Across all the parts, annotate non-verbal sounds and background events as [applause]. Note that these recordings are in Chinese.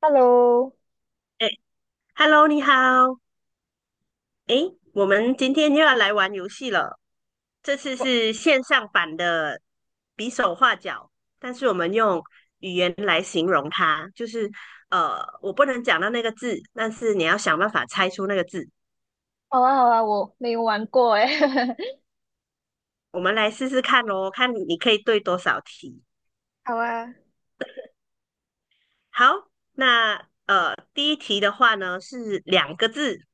Hello。哎，Hello，你好。哎，我们今天又要来玩游戏了。这次是线上版的比手画脚，但是我们用语言来形容它，就是我不能讲到那个字，但是你要想办法猜出那个字。好啊，好啊，我没有玩过诶，[laughs] 我们来试试看哦，看你可以对多少题。好啊。好，那第一题的话呢是两个字，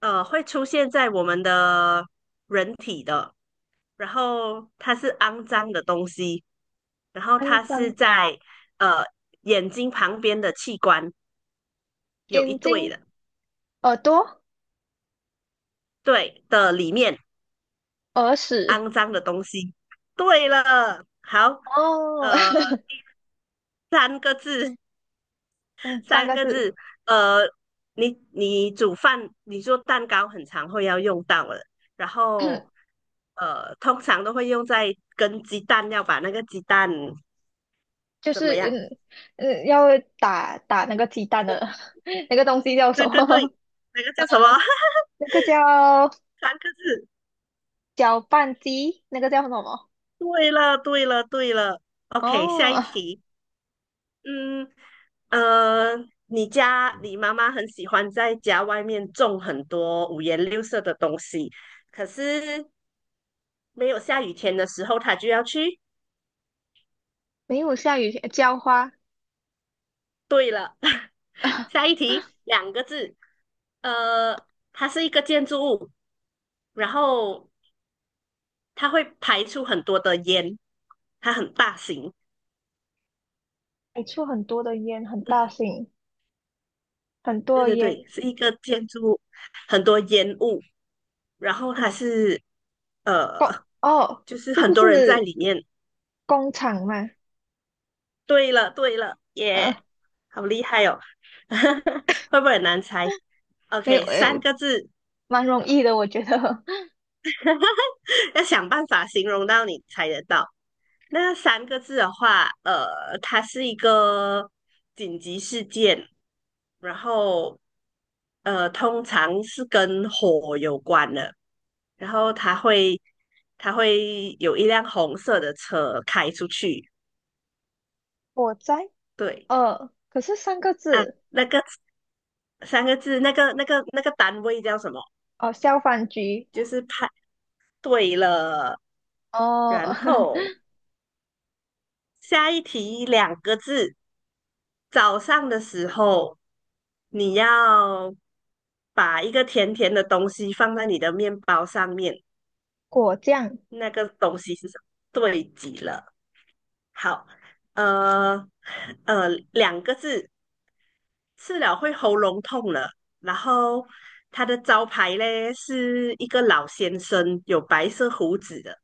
会出现在我们的人体的，然后它是肮脏的东西。然后肮它是脏，在呃眼睛旁边的器官有一眼对睛、的，耳朵、对的里面耳屎。肮脏的东西。对了，好，哦，呃，[laughs] 三个字，嗯，[laughs] 三三个个字。字，呃，你煮饭，你做蛋糕很常会要用到的，然后 [coughs] 通常都会用在跟鸡蛋，要把那个鸡蛋就怎是么样？嗯嗯，要打那个鸡蛋的 [laughs] 那个东西叫什对对么？对，那个 [laughs] 叫什么？呃，[laughs] 那个叫三个字。搅拌机，那个叫什么？对了，对了，对了。OK，下哦，一题。嗯，呃，你家你妈妈很喜欢在家外面种很多五颜六色的东西，可是没有下雨天的时候，她就要去。没有下雨天，浇花。对了，[laughs] [laughs] 下一题，两个字。呃，它是一个建筑物，然后它会排出很多的烟，它很大型。你出很多的烟，很大声，很多对的对烟。对，是一个建筑物，很多烟雾。然后它是哦呃，哦，就是是很不多人在是？里面。工厂嘛。对了，对了，耶，啊，好厉害哦！[laughs] 会不会很难猜没有，？OK，三个字，蛮容易的，我觉得。[laughs] [laughs] 要想办法形容到你猜得到。那三个字的话，它是一个紧急事件，然后通常是跟火有关的，然后它会它会有一辆红色的车开出去，火灾，对呃，可是三个啊，字。那个三个字，那个那个单位叫什么？哦，消防局。就是派对了。哦，然后 [laughs] 下一题两个字，早上的时候你要把一个甜甜的东西放在你的面包上面，果酱。那个东西是什么？对极了。好，呃两个字，吃了会喉咙痛了。然后它的招牌嘞是一个老先生，有白色胡子的。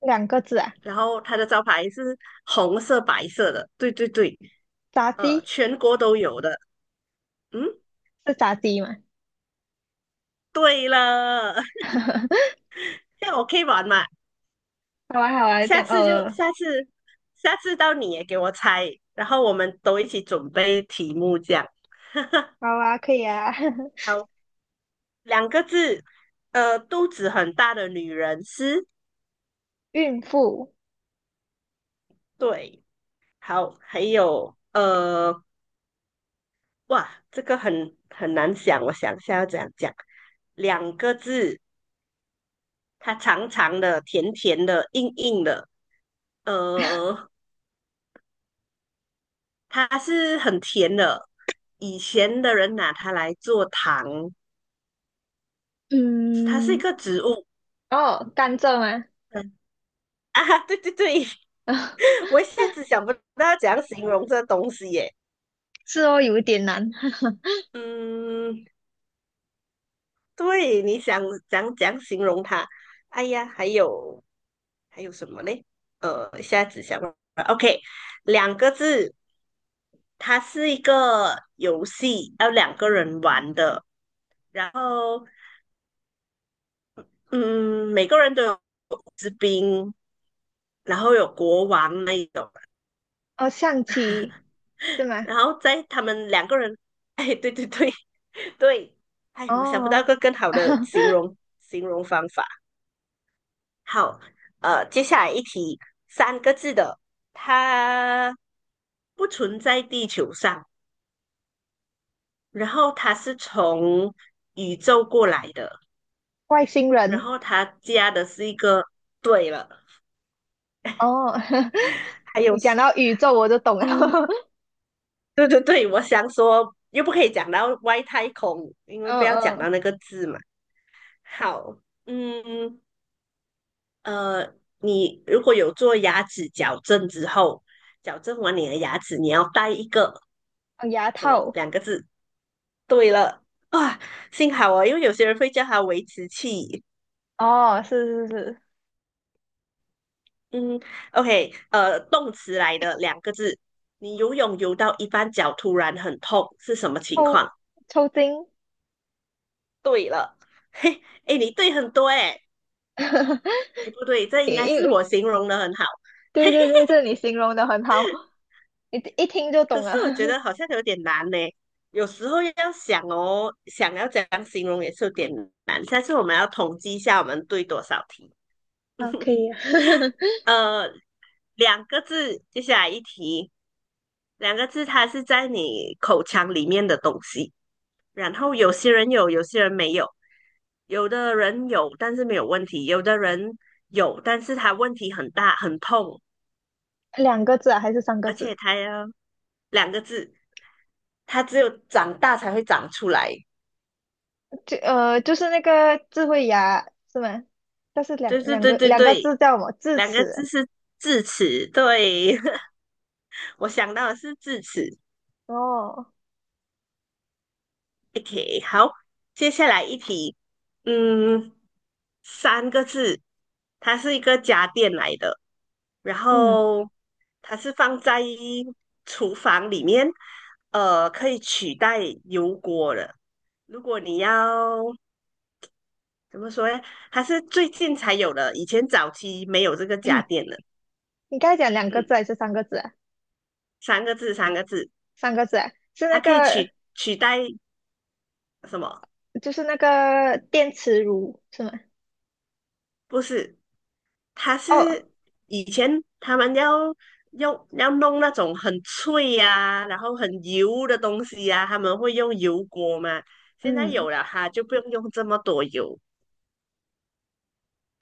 两个字啊，然后它的招牌是红色、白色的，对对对，炸鸡，全国都有的。嗯，是炸鸡嘛？对了，[laughs] [laughs] 这样我可以玩嘛？好啊，好啊，这下样，次就呃，下次，下次到你也给我猜，然后我们都一起准备题目，这样。[laughs] 好啊，可以啊。[laughs] 好，两个字，肚子很大的女人是，孕妇。对，好，还有哇，这个很难想，我想一下要怎样讲，两个字，它长长的、甜甜的、硬硬的，呃，它是很甜的。以前的人拿它来做糖，它是一嗯，个植物。哦，甘蔗吗？[laughs] 嗯啊，对对对，[laughs] [laughs] 我一下子想不到要怎样形容这东西耶。是哦，有一点难。[laughs] 嗯，对，你想怎样形容它？哎呀，还有什么嘞？一下子想不到 OK，两个字，它是一个游戏，要两个人玩的。然后嗯，每个人都有士兵，然后有国王那一种，哦，象棋是吗？然后在他们两个人，哎，对对对对，哎，我想不到哦，个更好的形 [laughs] 容形容方法。好，接下来一题，三个字的，它不存在地球上，然后它是从宇宙过来的，外星然人。后它加的是一个对了，哦，[laughs] 还有你讲到宇宙我就懂了。嗯，对对对，我想说又不可以讲到外太空，因 [laughs] 为嗯不要讲嗯。到那个字嘛。好，嗯呃，你如果有做牙齿矫正之后，矫正完你的牙齿，你要带一个哦，牙什么套。两个字？对了，啊，幸好哦，因为有些人会叫它维持器。哦，是是是。嗯，OK，动词来的两个字，你游泳游到一半脚突然很痛，是什么情抽况？抽筋，对了，嘿，哎，你对很多哎、[laughs] 哎，不对，这应因该因是我为形容的很好，[laughs] 对对对，这你形容的很好，一听就可懂是了。我觉得好 [laughs] 像有点难呢。有时候要想哦，想要怎样形容也是有点难。下次我们要统计一下，我们对多少题。啊，可以啊。呃，两个字，接下来一题，两个字，它是在你口腔里面的东西。然后有些人有，有些人没有，有的人有，但是没有问题；有的人有，但是他问题很大，很痛，[laughs] 两个字啊，还是三个而且字？他要两个字。它只有长大才会长出来。就呃，就是那个智慧牙是吗？但是两对对两对个对两个对，字叫什么？智两个字齿。是智齿。对，[laughs] 我想到的是智齿。哦，OK，好，接下来一题，嗯，三个字，它是一个家电来的，然嗯，后它是放在厨房里面，可以取代油锅的。如果你要怎么说呢？它是最近才有的，以前早期没有这个 [coughs] 家电的。[clears throat] 你刚才讲两个字嗯。还是三个字啊？三个字，三个字，三个字啊，是它那可以个取代什么？就是那个电磁炉是吗？不是，它哦，是以前他们要用要弄那种很脆呀、然后很油的东西呀、他们会用油锅嘛。现在嗯，有了哈，就不用用这么多油。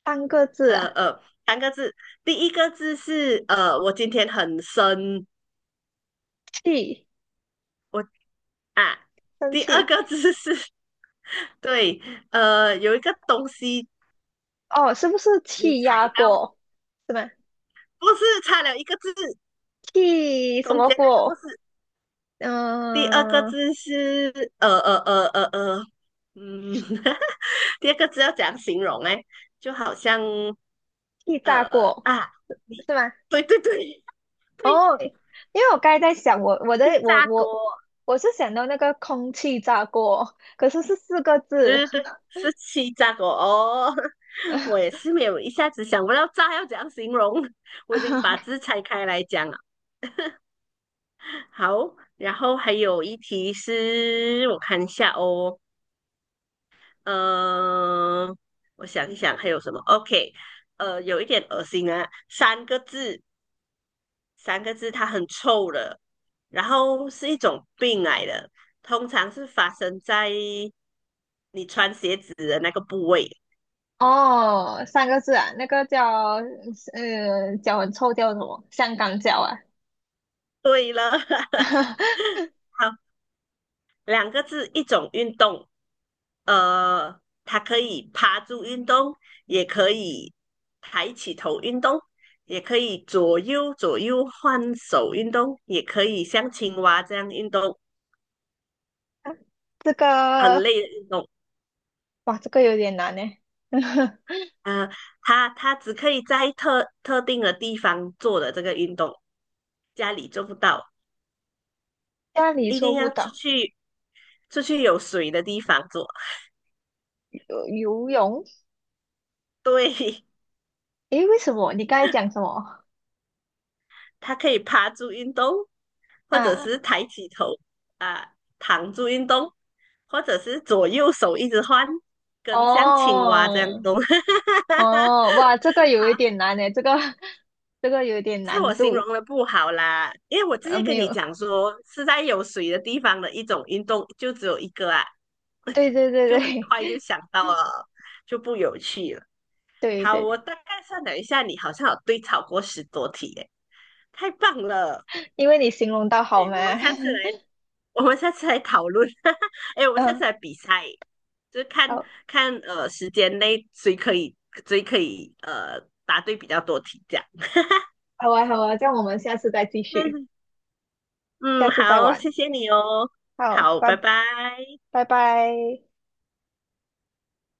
三个字呃啊，呃，三个字，第一个字是我今天很生，气，我啊，生第二气，个字是 [laughs] 对，有一个东西哦，是不是你踩气压到，锅？是吗？不是差了一个字，气什中么间那个不锅？是第二个嗯、字是嗯，[laughs] 第二个字要怎样形容哎？就好像气炸呃锅，啊，你是吗？对对对 [laughs] 对，哦，因为我刚才在想，我我的气我炸锅，我我是想到那个空气炸锅，可是是四个字。对对对，是气炸锅哦。[laughs] 我也是没有一下子想不到炸要怎样形容，[laughs] 我已经把 [laughs] 字拆开来讲了。好，然后还有一题是我看一下哦，嗯、我想一想还有什么？OK，有一点恶心啊，三个字，三个字，它很臭的，然后是一种病来的，通常是发生在你穿鞋子的那个部位。哦，三个字啊，那个叫呃，脚很臭叫什么？香港脚啊。对了，[laughs] [laughs] 好，两个字，一种运动，呃，它可以趴住运动，也可以抬起头运动，也可以左右左右换手运动，也可以像青蛙这样运动，[laughs] 啊，这很个，累的运动。哇，这个有点难呢。[laughs] 呃，它只可以在特定的地方做的这个运动，家里做不到，家里一做定不要到，出去有水的地方做。游泳？对，诶，为什么？你刚才讲什么？它可以趴住运动，或者啊，是抬起头。躺住运动，或者是左右手一直换，跟像青蛙这样哦，动。[laughs] 好，哦，哇，这个有一点难呢，这个 [laughs] 这个有点是我难形度。容的不好啦，因为我之呃，前没跟你有，讲说是在有水的地方的一种运动，就只有一个啊，对对对就很对 快就 [laughs] 想到了，就不有趣了。对好，我对，大概算了一下，你好像有对超过10多题耶，太棒了！因为你形容到好对，嘛。我们 [laughs] 下次来。我们下次来讨论。[laughs] 哎我们下嗯，次来比赛，就是看好，看时间内谁可以谁可以答对比较多题这样。[laughs] 好啊，好啊，这样我们下次再继续。嗯下嗯，次再好，玩。谢谢你哦。好，好，拜拜，拜。拜拜。